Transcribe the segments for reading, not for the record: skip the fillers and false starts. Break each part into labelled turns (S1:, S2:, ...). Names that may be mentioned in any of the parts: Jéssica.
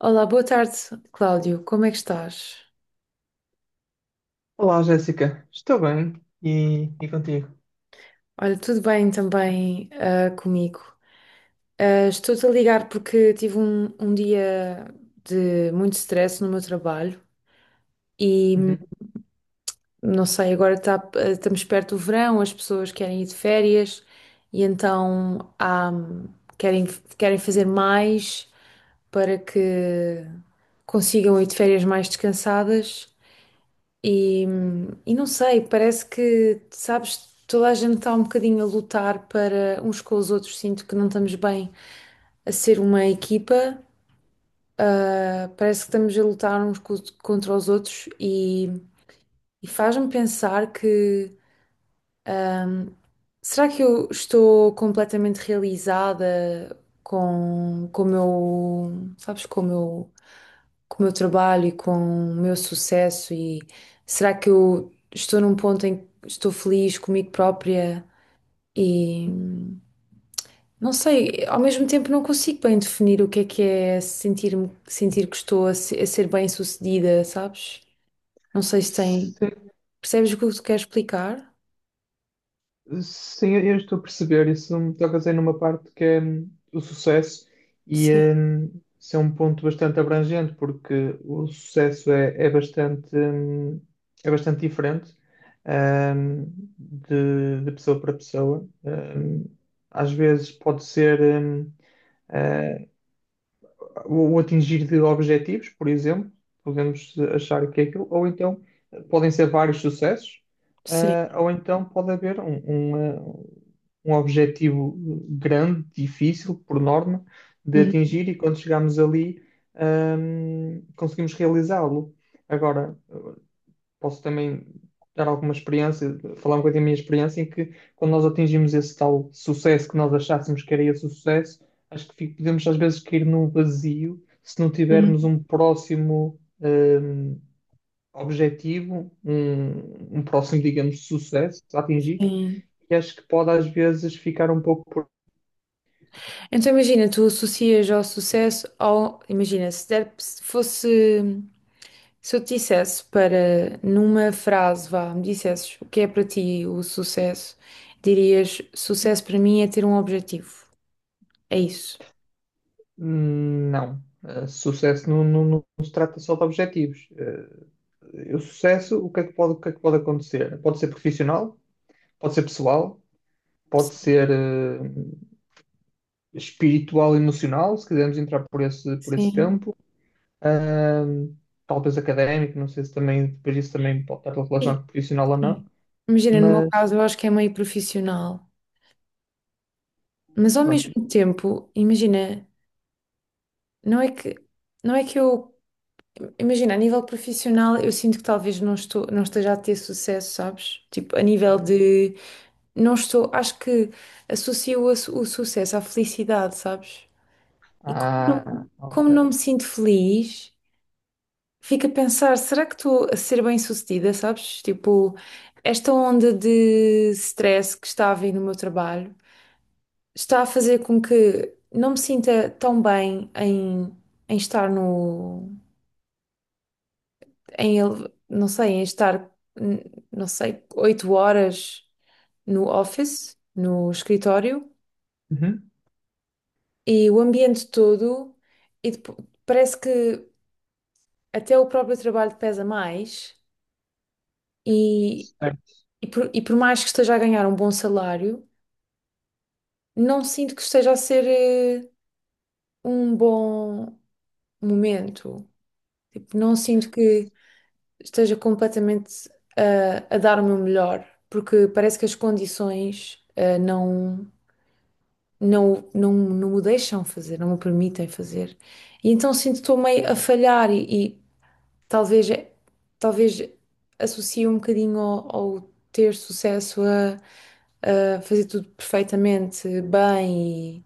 S1: Olá, boa tarde, Cláudio. Como é que estás?
S2: Olá, Jéssica. Estou bem. E contigo?
S1: Olha, tudo bem também comigo. Ah, estou-te a ligar porque tive um dia de muito stress no meu trabalho e
S2: Uhum.
S1: não sei, agora estamos perto do verão, as pessoas querem ir de férias e então querem, querem fazer mais para que consigam ir de férias mais descansadas. E, e não sei, parece que, sabes, toda a gente está um bocadinho a lutar para uns com os outros. Sinto que não estamos bem a ser uma equipa. Ah, parece que estamos a lutar uns contra os outros e faz-me pensar que será que eu estou completamente realizada com o meu, sabes, com o meu trabalho e com o meu sucesso e será que eu estou num ponto em que estou feliz comigo própria e não sei, ao mesmo tempo não consigo bem definir o que é sentir que estou a ser bem-sucedida, sabes? Não sei se tem,
S2: Sim,
S1: percebes o que eu te quero explicar?
S2: sim, eu estou a perceber. Isso me toca dizer numa parte que é o sucesso e
S1: Sim,
S2: isso é um ponto bastante abrangente, porque o sucesso é bastante, é bastante diferente hum, de pessoa para pessoa. Às vezes pode ser eh, o, atingir de objetivos, por exemplo, podemos achar que é aquilo, ou então podem ser vários sucessos,
S1: sim.
S2: ah, ou então pode haver um um objetivo grande, difícil, por norma, de
S1: Uhum,
S2: atingir e quando chegamos ali, conseguimos realizá-lo. Agora, posso também dar alguma experiência, falar um bocadinho da minha experiência, em que quando nós atingimos esse tal sucesso que nós achássemos que era esse o sucesso, acho que podemos às vezes cair num vazio se não
S1: uhum.
S2: tivermos um próximo objetivo, um próximo, digamos, sucesso a atingir,
S1: Sim.
S2: e acho que pode às vezes ficar um pouco por.
S1: Então imagina, tu associas ao sucesso ao, imagina, se der, se fosse. Se eu te dissesse para, numa frase, vá, me dissesses o que é para ti o sucesso, dirias: sucesso para mim é ter um objetivo. É isso.
S2: Não. Sucesso não, não se trata só de objetivos. Eh, o sucesso, o que é que pode, o que é que pode acontecer? Pode ser profissional, pode ser pessoal, pode
S1: Sim,
S2: ser espiritual e emocional, se quisermos entrar por esse
S1: sim.
S2: campo. Uh, Talvez académico, não sei se também depois isso também pode estar
S1: Sim.
S2: relacionado com profissional ou
S1: Sim.
S2: não,
S1: Imagina, no meu
S2: mas
S1: caso, eu acho que é meio profissional, mas ao
S2: pronto.
S1: mesmo tempo, imagina, não é que, não é que eu, imagina, a nível profissional, eu sinto que talvez não estou, não esteja a ter sucesso, sabes? Tipo, a nível de, não estou, acho que associo o sucesso à felicidade, sabes? E
S2: Ah,
S1: como
S2: ok.
S1: não me sinto feliz, fico a pensar, será que estou a ser bem-sucedida, sabes? Tipo, esta onda de stress que está a vir no meu trabalho está a fazer com que não me sinta tão bem em, estar no, não sei, em estar, hum, não sei, 8 horas no office, no escritório,
S2: Uhum.
S1: e o ambiente todo, e parece que até o próprio trabalho pesa mais. E,
S2: Certo.
S1: e por mais que esteja a ganhar um bom salário, não sinto que esteja a ser um bom momento. Tipo, não sinto que esteja completamente a dar o meu melhor, porque parece que as condições não me deixam fazer, não me permitem fazer. E então sinto que estou meio a falhar e talvez, talvez associe um bocadinho ao ter sucesso a fazer tudo perfeitamente bem e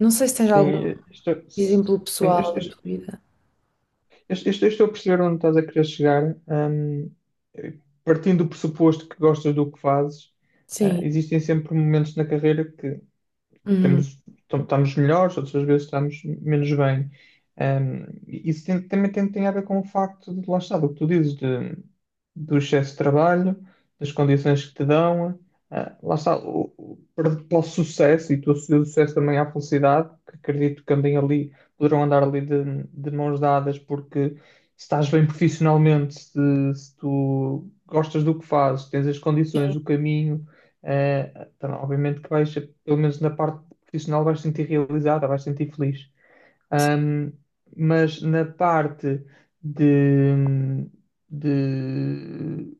S1: não sei se tens algum
S2: Sim, estou, sim,
S1: exemplo
S2: eu- eu-
S1: pessoal da tua
S2: eu-
S1: vida.
S2: eu estou a perceber onde estás a querer chegar. Partindo do pressuposto que gostas do que fazes, eh,
S1: Sim.
S2: existem sempre momentos na carreira que
S1: Uhum.
S2: temos, estamos melhores, outras vezes estamos menos bem. Um, isso também tem a ver com o facto de, lá está, do que tu dizes, do excesso de trabalho, das condições que te dão, ah, lá está, para o sucesso, e tu associas o sucesso também à felicidade, que acredito que andem ali, poderão andar ali de mãos dadas, porque se estás bem profissionalmente, se tu gostas do que fazes, tens as condições, o caminho, eh, então, obviamente que vais, pelo menos na parte profissional vais sentir realizada, vais sentir feliz. Ahm, mas na parte de, de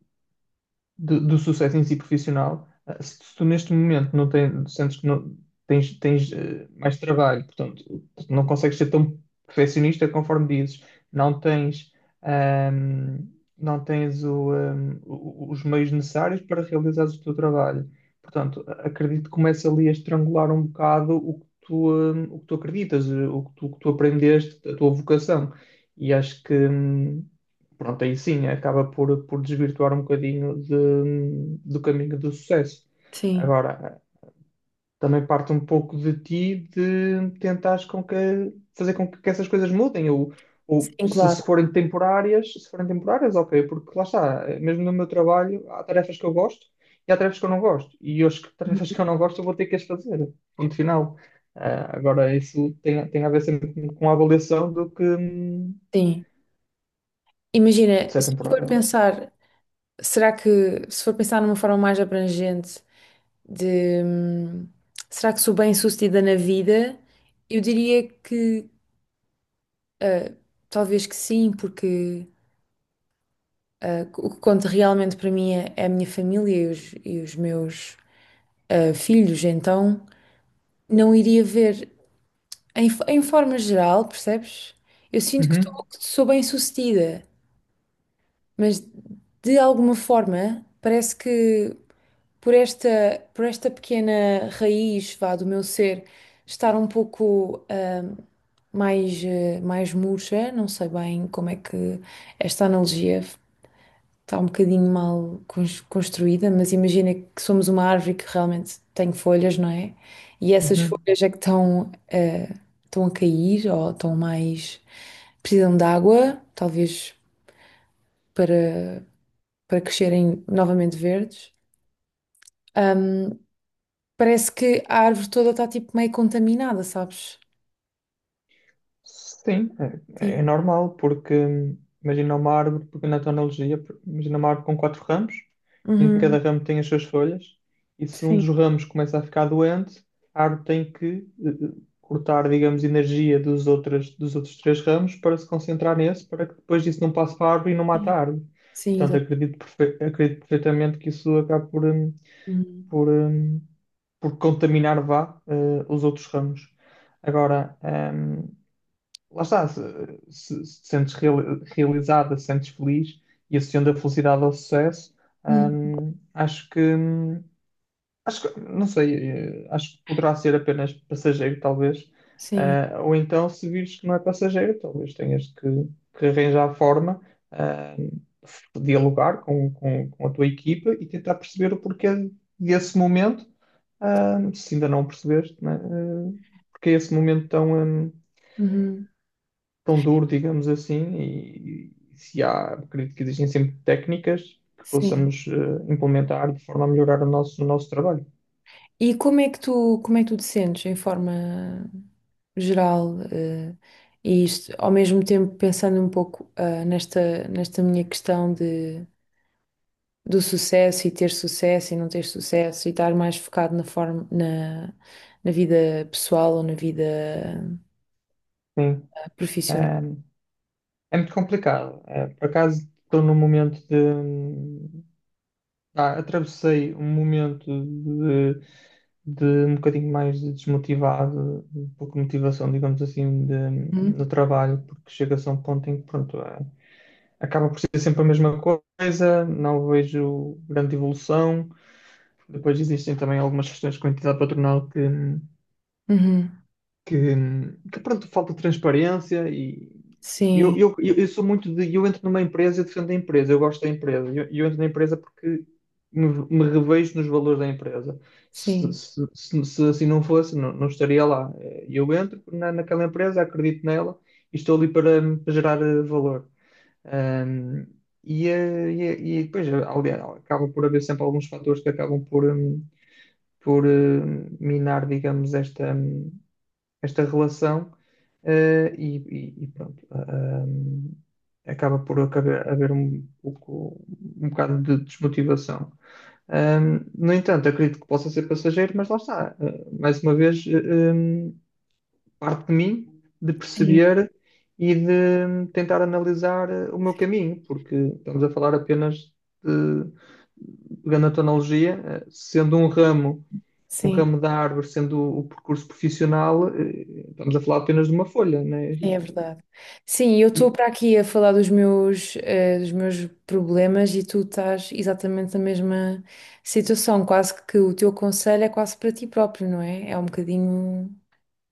S2: do, do sucesso em si profissional, eh, se tu neste momento não tens, sentes que não tens mais trabalho, portanto, não consegues ser tão perfeccionista conforme dizes, não tens, ahm, não tens os meios necessários para realizares o teu trabalho. Portanto, acredito que começa ali a estrangular um bocado o que tu acreditas, eh, o que tu aprendeste, a tua vocação. E acho que, pronto, aí sim acaba por desvirtuar um bocadinho do caminho do sucesso.
S1: Sim,
S2: Agora, também parte um pouco de ti de tentares com que, fazer com que essas coisas mudem, ou
S1: sim,
S2: se,
S1: claro.
S2: se forem temporárias, ok, porque lá está, mesmo no meu trabalho, há tarefas que eu gosto e há tarefas que eu não gosto, e as tarefas
S1: Uhum.
S2: que eu não gosto eu vou ter que as fazer, ponto final. Ah, agora, isso tem a ver sempre com a avaliação do que
S1: Sim. Imagina,
S2: se é
S1: se for
S2: temporário, não é?
S1: pensar, será que se for pensar numa forma mais abrangente de será que sou bem-sucedida na vida? Eu diria que ah, talvez que sim, porque o que conta realmente para mim é a minha família e os meus filhos, então. Não iria ver em forma geral, percebes? Eu sinto que,
S2: Uhum,
S1: que sou bem-sucedida, mas de alguma forma parece que por esta, por esta pequena raiz, vá, do meu ser estar um pouco mais murcha, não sei bem como é que esta analogia está um bocadinho mal construída, mas imagina que somos uma árvore que realmente tem folhas, não é? E essas
S2: uhum.
S1: folhas é que estão a cair ou precisam de água, talvez para, para crescerem novamente verdes. Ahm, Parece que a árvore toda está tipo meio contaminada, sabes?
S2: Sim,
S1: Sim.
S2: é normal, porque imagina uma árvore, porque na tua analogia, imagina uma árvore com quatro ramos, em que
S1: Uhum.
S2: cada ramo tem as suas folhas, e se um
S1: Sim.
S2: dos ramos começa a ficar doente, a árvore tem que eh, eh, cortar, digamos, energia dos outros três ramos para se concentrar nesse, para que depois disso não passe para a árvore e não mate a árvore.
S1: Sim,
S2: Portanto,
S1: exato.
S2: acredito, acredito perfeitamente que isso acaba por,
S1: Uhum.
S2: por, hum, por contaminar, vá, eh, os outros ramos. Agora, lá está, se, se te sentes realizada, se sentes feliz e associando a felicidade ao sucesso,
S1: Uhum.
S2: hum, acho que, hum, acho que, não sei, eh, acho que poderá ser apenas passageiro, talvez.
S1: Sim.
S2: Ah, ou então, se vires que não é passageiro, talvez tenhas que arranjar a forma, ah, de dialogar com a tua equipa e tentar perceber o porquê desse momento, ah, se ainda não o percebeste, né? Ah, porque é esse momento tão,
S1: Uhum.
S2: tão duro, digamos assim, e, se há, acredito que existem sempre técnicas que
S1: Sim.
S2: possamos implementar de forma a melhorar o nosso trabalho.
S1: E como é que tu, te sentes em forma geral, e isto, ao mesmo tempo pensando um pouco, nesta minha questão de, do sucesso e ter sucesso e não ter sucesso e estar mais focado na forma, na vida pessoal ou na vida
S2: Sim,
S1: profissional.
S2: eh, é muito complicado. Eh, por acaso estou num momento de, ah, atravessei um momento de um bocadinho mais de desmotivado, um pouco motivação, digamos assim, de,
S1: Uhum.
S2: no trabalho, porque chega-se a um ponto em que, pronto, ah, acaba por ser sempre a mesma coisa, não vejo grande evolução. Depois existem também algumas questões com a entidade patronal que
S1: Uhum.
S2: que, pronto, falta transparência e
S1: Sim,
S2: eu sou muito de, eu entro numa empresa e defendo a empresa, eu gosto da empresa, eu entro na empresa porque me revejo nos valores da empresa. Se,
S1: sim,
S2: se assim não fosse, não estaria lá. Eh, eu entro na, naquela empresa, acredito nela e estou ali para, para gerar eh, valor. Ahm, e depois eh, acaba por haver sempre alguns fatores que acabam por, minar, digamos, esta, esta relação e pronto. Acaba por acabar, haver um pouco, um bocado de desmotivação. No entanto, acredito que possa ser passageiro, mas lá está. Eh, mais uma vez, parte de mim de
S1: sim,
S2: perceber e de tentar analisar eh, o meu caminho, porque estamos a falar apenas de, pegando a tecnologia, eh, sendo um
S1: sim.
S2: ramo da árvore sendo o percurso profissional, eh, estamos a falar apenas de uma folha, né?
S1: É verdade. Sim, eu estou
S2: E-
S1: para aqui a falar dos meus problemas e tu estás exatamente na mesma situação. Quase que o teu conselho é quase para ti próprio, não é? É um bocadinho.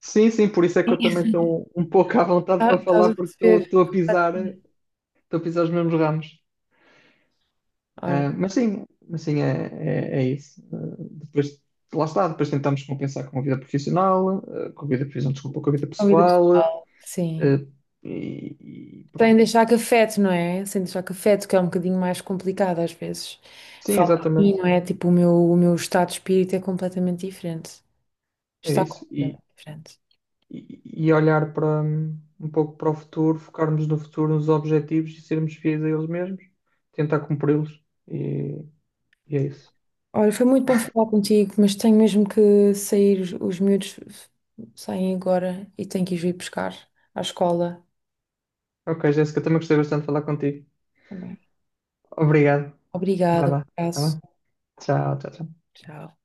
S2: Sim, sim, por isso é que eu
S1: Sim.
S2: também estou um pouco à vontade
S1: Ah,
S2: para
S1: estás
S2: falar,
S1: a
S2: porque
S1: perceber?
S2: estou a pisar, eh, estou a pisar os mesmos ramos.
S1: Ora,
S2: Ah, mas sim, é isso. Ah, depois, lá está, depois tentamos compensar com a vida profissional, ah, com a vida, profissional, desculpa, com a vida
S1: a vida
S2: pessoal,
S1: pessoal, sim.
S2: ah, e
S1: Sem
S2: pronto.
S1: deixar que afete, não é? Sem deixar que afete, que é um bocadinho mais complicado às vezes.
S2: Sim,
S1: Falo para mim,
S2: exatamente,
S1: não é? Tipo, o meu estado de espírito é completamente diferente.
S2: é
S1: Está
S2: isso.
S1: completamente diferente.
S2: E, e olhar para um pouco para o futuro, focarmos no futuro, nos objetivos e sermos fiéis a eles mesmos, tentar cumpri-los e, e é isso.
S1: Olha, foi muito bom falar contigo, mas tenho mesmo que sair. Os miúdos saem agora e tenho que os ir buscar à escola
S2: Ok, Jéssica, também gostei bastante de falar contigo.
S1: também.
S2: Obrigado. Vai
S1: Obrigada, um
S2: lá. Tá
S1: abraço.
S2: bem? Tchau, tchau, tchau.
S1: Tchau.